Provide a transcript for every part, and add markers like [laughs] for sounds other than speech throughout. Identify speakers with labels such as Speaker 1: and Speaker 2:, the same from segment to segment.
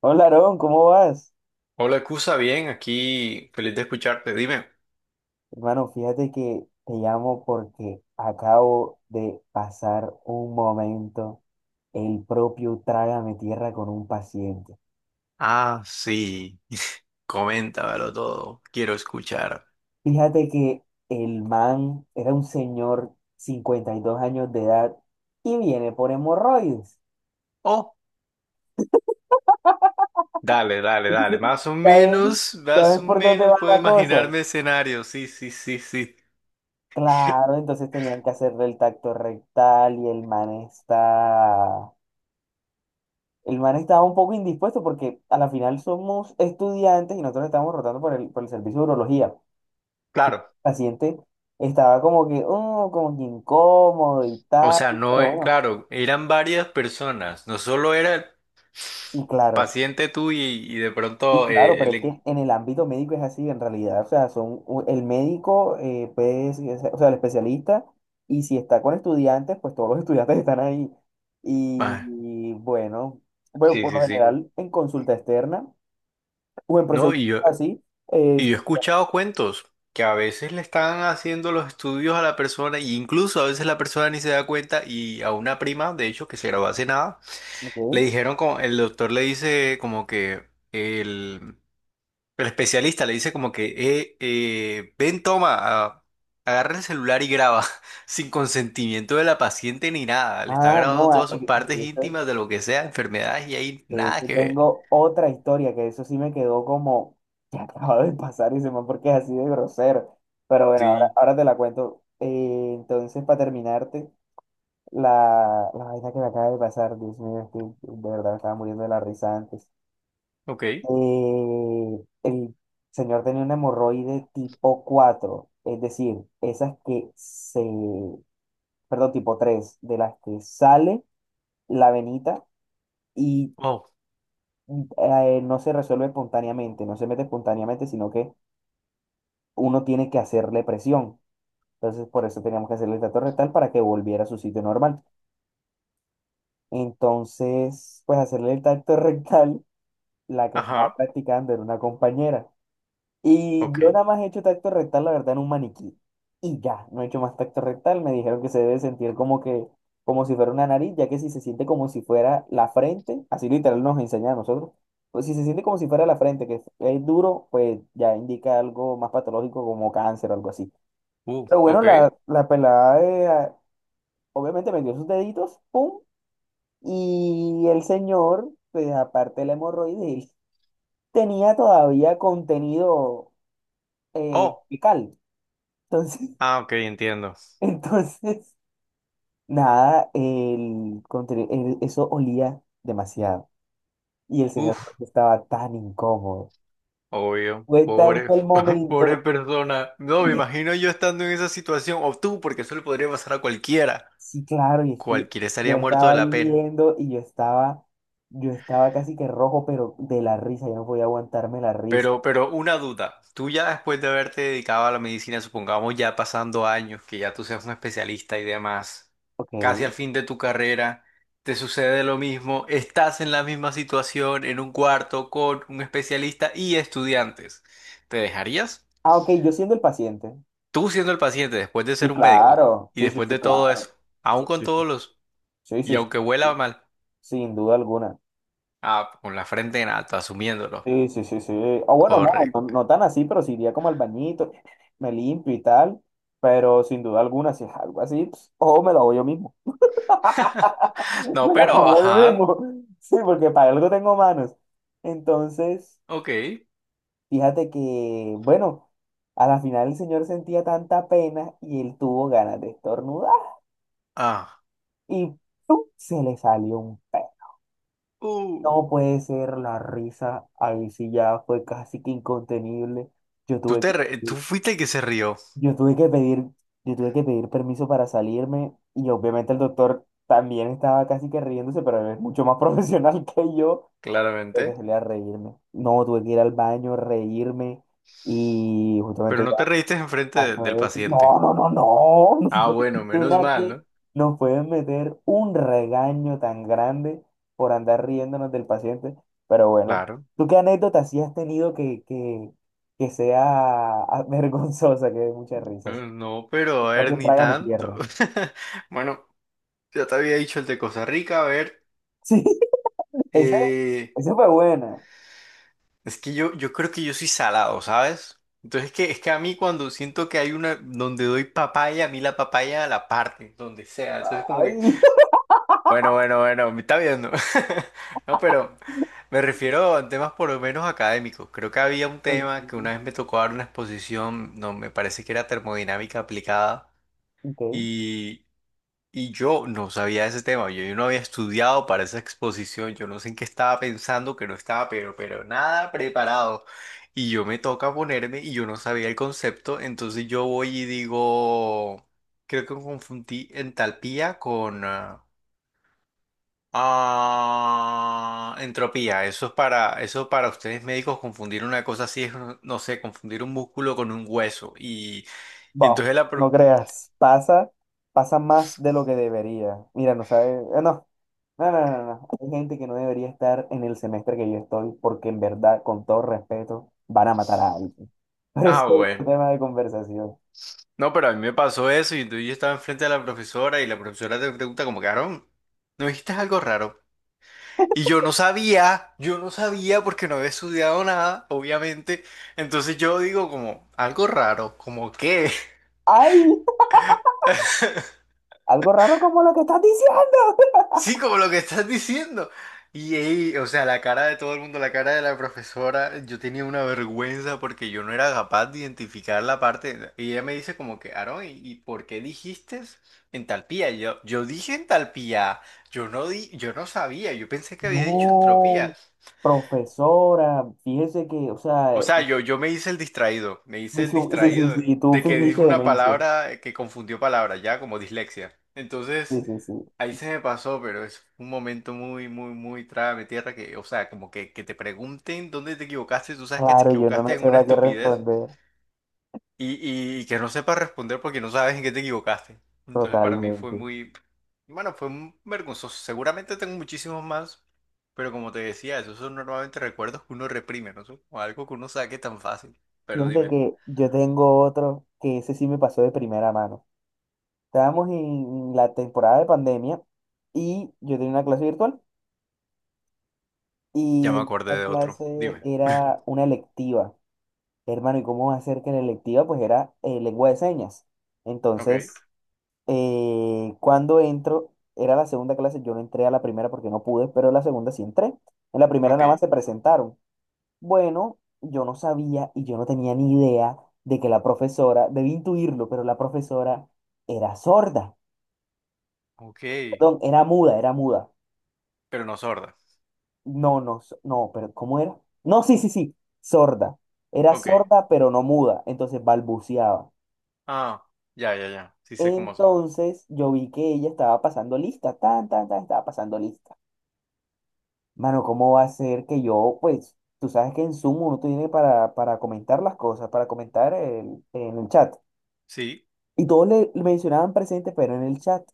Speaker 1: Hola, Aarón, ¿cómo vas?
Speaker 2: Hola, Cusa, bien, aquí feliz de escucharte. Dime.
Speaker 1: Hermano, fíjate que te llamo porque acabo de pasar un momento, el propio Trágame Tierra con un paciente.
Speaker 2: Ah, sí. [laughs] Coméntamelo todo. Quiero escuchar.
Speaker 1: Fíjate que el man era un señor, 52 años de edad, y viene por hemorroides.
Speaker 2: Oh, dale,
Speaker 1: [laughs]
Speaker 2: dale, dale.
Speaker 1: Entonces, ¿ya ves? ¿Ya
Speaker 2: Más o
Speaker 1: ves por dónde
Speaker 2: menos
Speaker 1: va
Speaker 2: puedo
Speaker 1: la cosa?
Speaker 2: imaginarme escenarios. Sí, sí, sí, sí.
Speaker 1: Claro,
Speaker 2: [laughs]
Speaker 1: entonces tenían que hacerle el tacto rectal El man estaba un poco indispuesto porque a la final somos estudiantes y nosotros estábamos rotando por el servicio de urología. El
Speaker 2: Claro.
Speaker 1: paciente estaba como que, "Oh", como que incómodo y
Speaker 2: O
Speaker 1: tal,
Speaker 2: sea, no,
Speaker 1: pero bueno,
Speaker 2: claro, eran varias personas. No solo era el
Speaker 1: sí, claro,
Speaker 2: paciente tú y de
Speaker 1: sí,
Speaker 2: pronto
Speaker 1: claro, pero es
Speaker 2: el...
Speaker 1: que en el ámbito médico es así en realidad, o sea, el médico, pues, o sea, el especialista, y si está con estudiantes, pues todos los [laughs] estudiantes están ahí. Y,
Speaker 2: Ah,
Speaker 1: y bueno, bueno,
Speaker 2: sí,
Speaker 1: por lo
Speaker 2: sí, sí.
Speaker 1: general en consulta externa o en
Speaker 2: No,
Speaker 1: procedimientos así,
Speaker 2: y
Speaker 1: es...
Speaker 2: yo he escuchado cuentos que a veces le están haciendo los estudios a la persona y incluso a veces la persona ni se da cuenta y a una prima, de hecho, que se graduó hace nada, le dijeron como, el doctor le dice como que el, el especialista le dice como que, ven, toma, agarra el celular y graba [laughs] sin consentimiento de la paciente ni nada, le está
Speaker 1: Ah,
Speaker 2: grabando
Speaker 1: no,
Speaker 2: todas sus partes
Speaker 1: de eso,
Speaker 2: íntimas de lo que sea, enfermedades y ahí
Speaker 1: de
Speaker 2: nada
Speaker 1: eso
Speaker 2: que ver.
Speaker 1: tengo otra historia, que eso sí me quedó como que [laughs] acaba de pasar y se me porque es así de grosero. Pero bueno, ahora,
Speaker 2: Sí,
Speaker 1: ahora te la cuento. Entonces, para terminarte, la vaina que me acaba de pasar, Dios mío, es que de verdad me estaba muriendo de la risa antes.
Speaker 2: ok.
Speaker 1: El señor tenía un hemorroide tipo 4, es decir, esas que se, perdón, tipo 3, de las que sale la venita. Y
Speaker 2: Oh,
Speaker 1: no se resuelve espontáneamente, no se mete espontáneamente, sino que uno tiene que hacerle presión. Entonces, por eso teníamos que hacerle el tacto rectal para que volviera a su sitio normal. Entonces, pues hacerle el tacto [laughs] rectal, la que estaba
Speaker 2: ajá,
Speaker 1: practicando era una compañera. Y yo
Speaker 2: ok.
Speaker 1: nada más he hecho tacto rectal, la verdad, en un maniquí. Y ya, no he hecho más tacto rectal. Me dijeron que se debe sentir como que, como si fuera una nariz, ya que si se siente como si fuera la frente, así literal nos enseña a nosotros, pues si se siente como si fuera la frente, que es duro, pues ya indica algo más patológico como cáncer o algo así. Pero bueno,
Speaker 2: Ok.
Speaker 1: la pelada, obviamente metió sus deditos, pum, y el señor, pues aparte de la hemorroide, él tenía todavía contenido
Speaker 2: Oh,
Speaker 1: fecal. Entonces, [laughs]
Speaker 2: ah, ok, entiendo.
Speaker 1: entonces, nada, eso olía demasiado. Y el señor
Speaker 2: Uf,
Speaker 1: Jorge estaba tan incómodo.
Speaker 2: obvio.
Speaker 1: Fue
Speaker 2: Pobre,
Speaker 1: tanto el
Speaker 2: [laughs] pobre
Speaker 1: momento.
Speaker 2: persona. No, me
Speaker 1: [laughs]
Speaker 2: imagino yo estando en esa situación, o tú, porque eso le podría pasar a cualquiera.
Speaker 1: Sí, claro, y es que
Speaker 2: Cualquiera
Speaker 1: yo
Speaker 2: estaría muerto
Speaker 1: estaba
Speaker 2: de
Speaker 1: ahí
Speaker 2: la pena.
Speaker 1: viendo y yo estaba casi que rojo, pero de la risa, yo no podía aguantarme la risa.
Speaker 2: Pero una duda. Tú ya después de haberte dedicado a la medicina, supongamos ya pasando años, que ya tú seas un especialista y demás, casi
Speaker 1: Ok.
Speaker 2: al fin de tu carrera, te sucede lo mismo, estás en la misma situación, en un cuarto con un especialista y estudiantes. ¿Te dejarías?
Speaker 1: Ah, ok, yo siendo el paciente.
Speaker 2: Tú siendo el paciente, después de
Speaker 1: Sí,
Speaker 2: ser un médico,
Speaker 1: claro.
Speaker 2: y
Speaker 1: Sí, sí,
Speaker 2: después
Speaker 1: sí,
Speaker 2: de todo eso,
Speaker 1: claro.
Speaker 2: aún
Speaker 1: Sí,
Speaker 2: con
Speaker 1: sí, sí.
Speaker 2: todos los,
Speaker 1: Sí,
Speaker 2: y
Speaker 1: sí, sí.
Speaker 2: aunque huela mal,
Speaker 1: Sin duda alguna.
Speaker 2: ah, con la frente en alto, asumiéndolo.
Speaker 1: Sí, sí, sí, sí. O bueno, no, no,
Speaker 2: Correcto.
Speaker 1: no tan así, pero sí iría como al bañito, [laughs] me limpio y tal. Pero sin duda alguna, si es algo así, pues, ojo, me lo hago yo mismo.
Speaker 2: [laughs]
Speaker 1: [laughs]
Speaker 2: No,
Speaker 1: Me la
Speaker 2: pero,
Speaker 1: como yo
Speaker 2: ajá,
Speaker 1: mismo. [laughs] Sí, porque para algo tengo manos. Entonces,
Speaker 2: ok.
Speaker 1: fíjate que, bueno, a la final el señor sentía tanta pena y él tuvo ganas de estornudar.
Speaker 2: Ah,
Speaker 1: Y ¡pum!, se le salió un pez.
Speaker 2: uh.
Speaker 1: No puede ser la risa. Ahí sí ya fue casi que incontenible. Yo tuve que...
Speaker 2: Tú fuiste el que se rió,
Speaker 1: Yo tuve que pedir, yo tuve que pedir permiso para salirme y obviamente el doctor también estaba casi que riéndose, pero él es mucho más [laughs] profesional que yo, tuve que
Speaker 2: claramente,
Speaker 1: salir a reírme. No, tuve que ir al baño, reírme y
Speaker 2: pero
Speaker 1: justamente
Speaker 2: no
Speaker 1: ya
Speaker 2: te reíste enfrente
Speaker 1: pasó
Speaker 2: del
Speaker 1: eso.
Speaker 2: paciente.
Speaker 1: No, no, no, no, [laughs] no
Speaker 2: Ah,
Speaker 1: puede
Speaker 2: bueno,
Speaker 1: ser
Speaker 2: menos
Speaker 1: una
Speaker 2: mal,
Speaker 1: que
Speaker 2: ¿no?
Speaker 1: nos pueden meter un regaño tan grande por andar riéndonos del paciente, pero bueno,
Speaker 2: Claro.
Speaker 1: ¿tú qué anécdota sí has tenido que sea [laughs] ah, vergonzosa, que dé mucha risa?
Speaker 2: No, pero a ver,
Speaker 1: Propio
Speaker 2: ni
Speaker 1: Trágame
Speaker 2: tanto.
Speaker 1: Tierra.
Speaker 2: [laughs] Bueno, ya te había dicho el de Costa Rica, a ver.
Speaker 1: Sí, [laughs] ese,
Speaker 2: eh,
Speaker 1: ese fue buena.
Speaker 2: Es que yo creo que yo soy salado, ¿sabes? Entonces es que a mí cuando siento que hay una donde doy papaya, a mí la papaya la parte, donde sea. Entonces como que,
Speaker 1: Ay,
Speaker 2: bueno, bueno, bueno, me está viendo. [laughs] No, pero me refiero a temas por lo menos académicos. Creo que había un tema que una
Speaker 1: [laughs]
Speaker 2: vez me tocó dar una exposición, no, me parece que era termodinámica aplicada.
Speaker 1: ok.
Speaker 2: y y yo no sabía de ese tema, yo no había estudiado para esa exposición, yo no sé en qué estaba pensando, que no estaba, pero nada preparado. Y yo me toca ponerme y yo no sabía el concepto, entonces yo voy y digo, creo que confundí entalpía con entropía. Eso es para, eso para ustedes médicos confundir una cosa así es, no, no sé, confundir un músculo con un hueso. Y
Speaker 1: Va,
Speaker 2: entonces.
Speaker 1: no creas. Pasa más de lo que debería. Mira, no sabe. No, no, no, no, no. Hay gente que no debería estar en el semestre que yo estoy porque en verdad, con todo respeto, van a matar a alguien. [laughs] Pero ese
Speaker 2: Ah,
Speaker 1: es otro
Speaker 2: bueno.
Speaker 1: tema de conversación.
Speaker 2: No, pero a mí me pasó eso y entonces yo estaba enfrente de la profesora y la profesora te pregunta como, Carón, ¿no dijiste algo raro? Y yo no sabía porque no había estudiado nada, obviamente. Entonces yo digo como, algo raro, como qué.
Speaker 1: ¡Ay!
Speaker 2: [laughs]
Speaker 1: Algo raro como lo que estás diciendo.
Speaker 2: Sí, como lo que estás diciendo. Y ahí, o sea, la cara de todo el mundo, la cara de la profesora, yo tenía una vergüenza porque yo no era capaz de identificar la parte. Y ella me dice como que, Aarón, ¿y por qué dijiste entalpía? Y yo dije entalpía, yo no di, yo no sabía, yo pensé que había dicho
Speaker 1: No,
Speaker 2: entropía.
Speaker 1: profesora, fíjese que, o sea,
Speaker 2: O sea, yo me hice el distraído, me hice el
Speaker 1: Sí, sí,
Speaker 2: distraído
Speaker 1: sí, tú
Speaker 2: de que
Speaker 1: fingiste
Speaker 2: dijo una
Speaker 1: demencia.
Speaker 2: palabra que confundió palabras, ya como dislexia.
Speaker 1: Sí,
Speaker 2: Entonces,
Speaker 1: sí, sí.
Speaker 2: ahí se me pasó, pero es un momento muy, muy, muy trágame tierra que, o sea, como que te pregunten dónde te equivocaste, tú sabes que te
Speaker 1: Claro, yo no,
Speaker 2: equivocaste en
Speaker 1: no
Speaker 2: una
Speaker 1: a qué
Speaker 2: estupidez
Speaker 1: responder.
Speaker 2: y que no sepas responder porque no sabes en qué te equivocaste. Entonces para mí fue
Speaker 1: Totalmente.
Speaker 2: muy, bueno, fue un vergonzoso. Seguramente tengo muchísimos más, pero como te decía, esos son normalmente recuerdos que uno reprime, ¿no? Son como algo que uno saque tan fácil. Pero
Speaker 1: Fíjate
Speaker 2: dime,
Speaker 1: que yo tengo otro que ese sí me pasó de primera mano. Estábamos en la temporada de pandemia y yo tenía una clase virtual
Speaker 2: ya me
Speaker 1: y
Speaker 2: acordé
Speaker 1: esta
Speaker 2: de otro.
Speaker 1: clase
Speaker 2: Dime.
Speaker 1: era una electiva. Hermano, ¿y cómo va a ser que en la electiva? Pues era lengua de señas.
Speaker 2: Ok,
Speaker 1: Entonces, cuando entro, era la segunda clase, yo no entré a la primera porque no pude, pero en la segunda sí entré. En la primera
Speaker 2: ok,
Speaker 1: nada más se presentaron. Bueno, yo no sabía y yo no tenía ni idea de que la profesora, debí intuirlo, pero la profesora era sorda.
Speaker 2: ok,
Speaker 1: Perdón, era muda.
Speaker 2: pero no sorda.
Speaker 1: No, no, no, pero ¿cómo era? No, sí, sí, sí, sorda. Era
Speaker 2: Ok.
Speaker 1: sorda, pero no muda, entonces balbuceaba.
Speaker 2: Ah, ya, ya, ya. Sí sé cómo son.
Speaker 1: Entonces yo vi que ella estaba pasando lista, tan, tan, tan, estaba pasando lista. Mano, ¿cómo va a ser que yo, pues, tú sabes que en Zoom uno tiene para comentar las cosas, para comentar en el chat?
Speaker 2: Sí,
Speaker 1: Y todos le mencionaban presente, pero en el chat.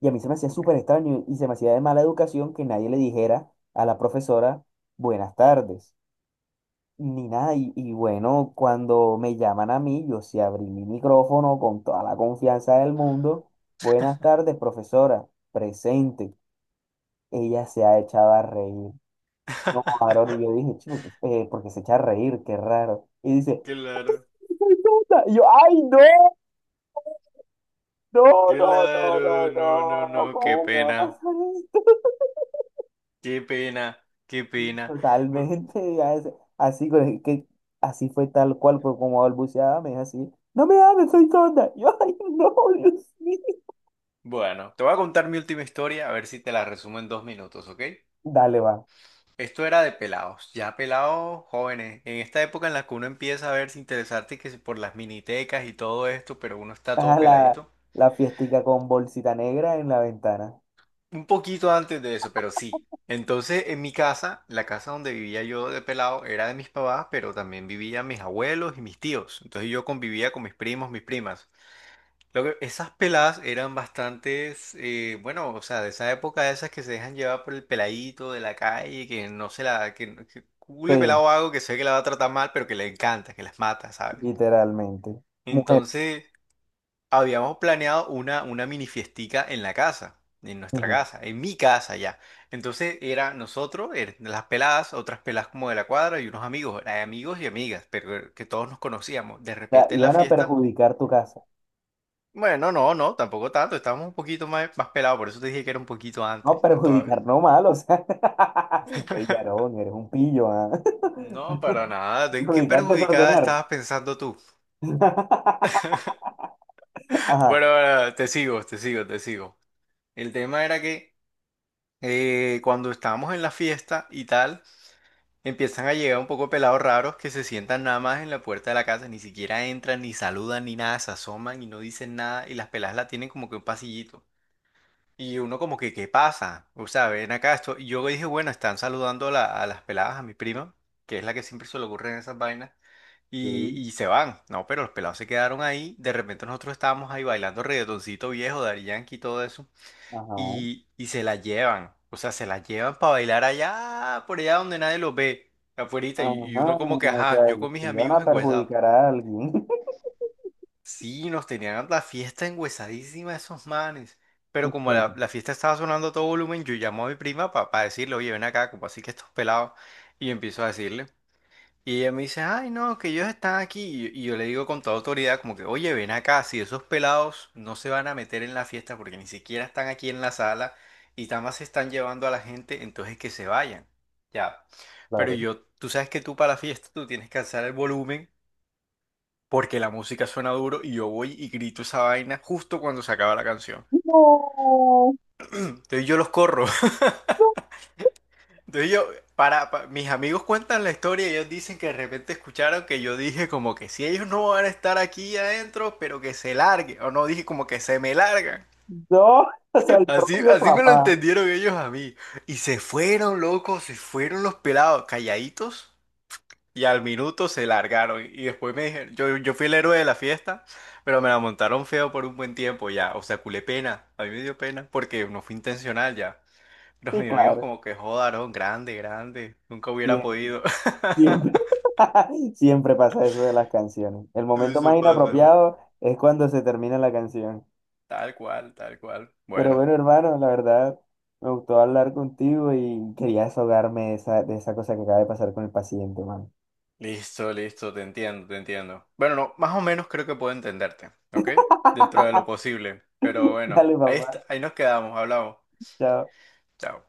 Speaker 1: Y a mí se me hacía
Speaker 2: ok.
Speaker 1: súper extraño y se me hacía de mala educación que nadie le dijera a la profesora buenas tardes, ni nada. Y bueno, cuando me llaman a mí, yo sí abrí mi micrófono con toda la confianza del mundo. Buenas tardes, profesora, presente. Ella se ha echado a reír. No, varón,
Speaker 2: [laughs]
Speaker 1: y yo dije, "Chu, porque se echa a reír, qué raro". Y dice,
Speaker 2: Claro,
Speaker 1: "Ay, puta". Y yo, ay, no, no, no, no,
Speaker 2: claro,
Speaker 1: no,
Speaker 2: no, no,
Speaker 1: no,
Speaker 2: no, qué
Speaker 1: ¿cómo me va a
Speaker 2: pena.
Speaker 1: pasar esto?
Speaker 2: Qué pena, qué
Speaker 1: [laughs]
Speaker 2: pena. Bu-
Speaker 1: Totalmente, así, así fue tal cual, por como balbuceaba, me dijo así, no me hables, soy tonta. [laughs] Yo, ay, no, Dios mío.
Speaker 2: Bueno, te voy a contar mi última historia, a ver si te la resumo en 2 minutos, ¿ok?
Speaker 1: Dale, va,
Speaker 2: Esto era de pelados, ya pelados jóvenes. En esta época en la que uno empieza a verse interesarte que si por las minitecas y todo esto, pero uno está
Speaker 1: a
Speaker 2: todo
Speaker 1: la,
Speaker 2: peladito.
Speaker 1: la fiestica con bolsita negra en la ventana.
Speaker 2: Un poquito antes de eso, pero sí. Entonces, en mi casa, la casa donde vivía yo de pelado era de mis papás, pero también vivían mis abuelos y mis tíos. Entonces yo convivía con mis primos, mis primas. Lo que- esas peladas eran bastantes, bueno, o sea, de esa época, de esas que se dejan llevar por el peladito de la calle, que no se la, que, no- que cule
Speaker 1: Sí,
Speaker 2: pelado hago que sé que la va a tratar mal, pero que le encanta, que las mata, ¿sabes?
Speaker 1: literalmente. Mujeres.
Speaker 2: Entonces, habíamos planeado una mini fiestica en la casa, en nuestra
Speaker 1: Ujú. O
Speaker 2: casa, en mi casa ya. Entonces, era nosotros, las peladas, otras peladas como de la cuadra y unos amigos, amigos y amigas, pero que todos nos conocíamos. De
Speaker 1: sea,
Speaker 2: repente en la
Speaker 1: iban a
Speaker 2: fiesta.
Speaker 1: perjudicar tu casa.
Speaker 2: Bueno, no, no, tampoco tanto. Estábamos un poquito más, más pelados, por eso te dije que era un poquito
Speaker 1: No,
Speaker 2: antes, ya todavía.
Speaker 1: perjudicar no mal, o sea. [laughs] Ey,
Speaker 2: [laughs]
Speaker 1: Yarón, eres un pillo, ah.
Speaker 2: No, para
Speaker 1: [laughs]
Speaker 2: nada. ¿En qué
Speaker 1: Perjudicar,
Speaker 2: perjudicada
Speaker 1: desordenar.
Speaker 2: estabas pensando tú?
Speaker 1: [laughs] Ajá.
Speaker 2: Bueno, bueno, te sigo, te sigo, te sigo. El tema era que cuando estábamos en la fiesta y tal, empiezan a llegar un poco pelados raros que se sientan nada más en la puerta de la casa, ni siquiera entran, ni saludan, ni nada, se asoman y no dicen nada, y las peladas la tienen como que un pasillito. Y uno como que, ¿qué pasa? O sea, ven acá esto. Y yo dije, bueno, están saludando a, a las peladas, a mi prima, que es la que siempre se le ocurren esas vainas, y,
Speaker 1: Sí,
Speaker 2: y se van. No, pero los pelados se quedaron ahí. De repente nosotros estábamos ahí bailando reggaetoncito viejo, Daddy Yankee y todo eso.
Speaker 1: ajá.
Speaker 2: Y se la llevan. O sea, se la llevan para bailar allá, por allá donde nadie los ve, afuerita.
Speaker 1: Ajá.
Speaker 2: Y uno como que,
Speaker 1: O
Speaker 2: ajá,
Speaker 1: sea,
Speaker 2: yo
Speaker 1: que
Speaker 2: con mis
Speaker 1: si van
Speaker 2: amigos
Speaker 1: a
Speaker 2: engüesados.
Speaker 1: perjudicar a alguien. [laughs]
Speaker 2: Sí, nos tenían la fiesta engüesadísima esos manes. Pero como la,
Speaker 1: Entonces,
Speaker 2: la fiesta estaba sonando a todo volumen, yo llamo a mi prima para decirle, oye, ven acá, como así que estos pelados. Y empiezo a decirle. Y ella me dice, ay, no, que ellos están aquí. Y yo le digo con toda autoridad, como que, oye, ven acá, si esos pelados no se van a meter en la fiesta porque ni siquiera están aquí en la sala y nada más se están llevando a la gente, entonces que se vayan. Ya. Pero
Speaker 1: claro.
Speaker 2: yo, tú sabes que tú para la fiesta tú tienes que alzar el volumen porque la música suena duro y yo voy y grito esa vaina justo cuando se acaba la canción.
Speaker 1: No,
Speaker 2: Entonces yo los corro. [laughs]
Speaker 1: no,
Speaker 2: Entonces yo, mis amigos cuentan la historia y ellos dicen que de repente escucharon que yo dije como que si ellos no van a estar aquí adentro, pero que se larguen. O no, dije como que se me largan.
Speaker 1: no. [laughs] O sea, el
Speaker 2: [laughs] Así,
Speaker 1: propio
Speaker 2: así me lo
Speaker 1: papá.
Speaker 2: entendieron ellos a mí. Y se fueron, locos, se fueron los pelados, calladitos. Y al minuto se largaron. Y después me dijeron, yo fui el héroe de la fiesta, pero me la montaron feo por un buen tiempo ya. O sea, culé pena. A mí me dio pena porque no fue intencional ya. Pero
Speaker 1: Sí,
Speaker 2: mis amigos
Speaker 1: claro.
Speaker 2: como que jodaron, grande, grande. Nunca hubiera
Speaker 1: Siempre,
Speaker 2: podido.
Speaker 1: siempre. [laughs] Siempre pasa eso de las canciones. El
Speaker 2: [laughs]
Speaker 1: momento más
Speaker 2: Eso pasa.
Speaker 1: inapropiado es cuando se termina la canción.
Speaker 2: Tal cual, tal cual.
Speaker 1: Pero
Speaker 2: Bueno,
Speaker 1: bueno, hermano, la verdad, me gustó hablar contigo y quería desahogarme de esa, cosa que acaba de pasar con el paciente, hermano.
Speaker 2: listo, listo, te entiendo, te entiendo. Bueno, no, más o menos creo que puedo entenderte, ¿ok? Dentro de lo posible. Pero
Speaker 1: [laughs]
Speaker 2: bueno,
Speaker 1: Dale,
Speaker 2: ahí, est-
Speaker 1: papá.
Speaker 2: ahí nos quedamos, hablamos.
Speaker 1: Chao.
Speaker 2: Chao.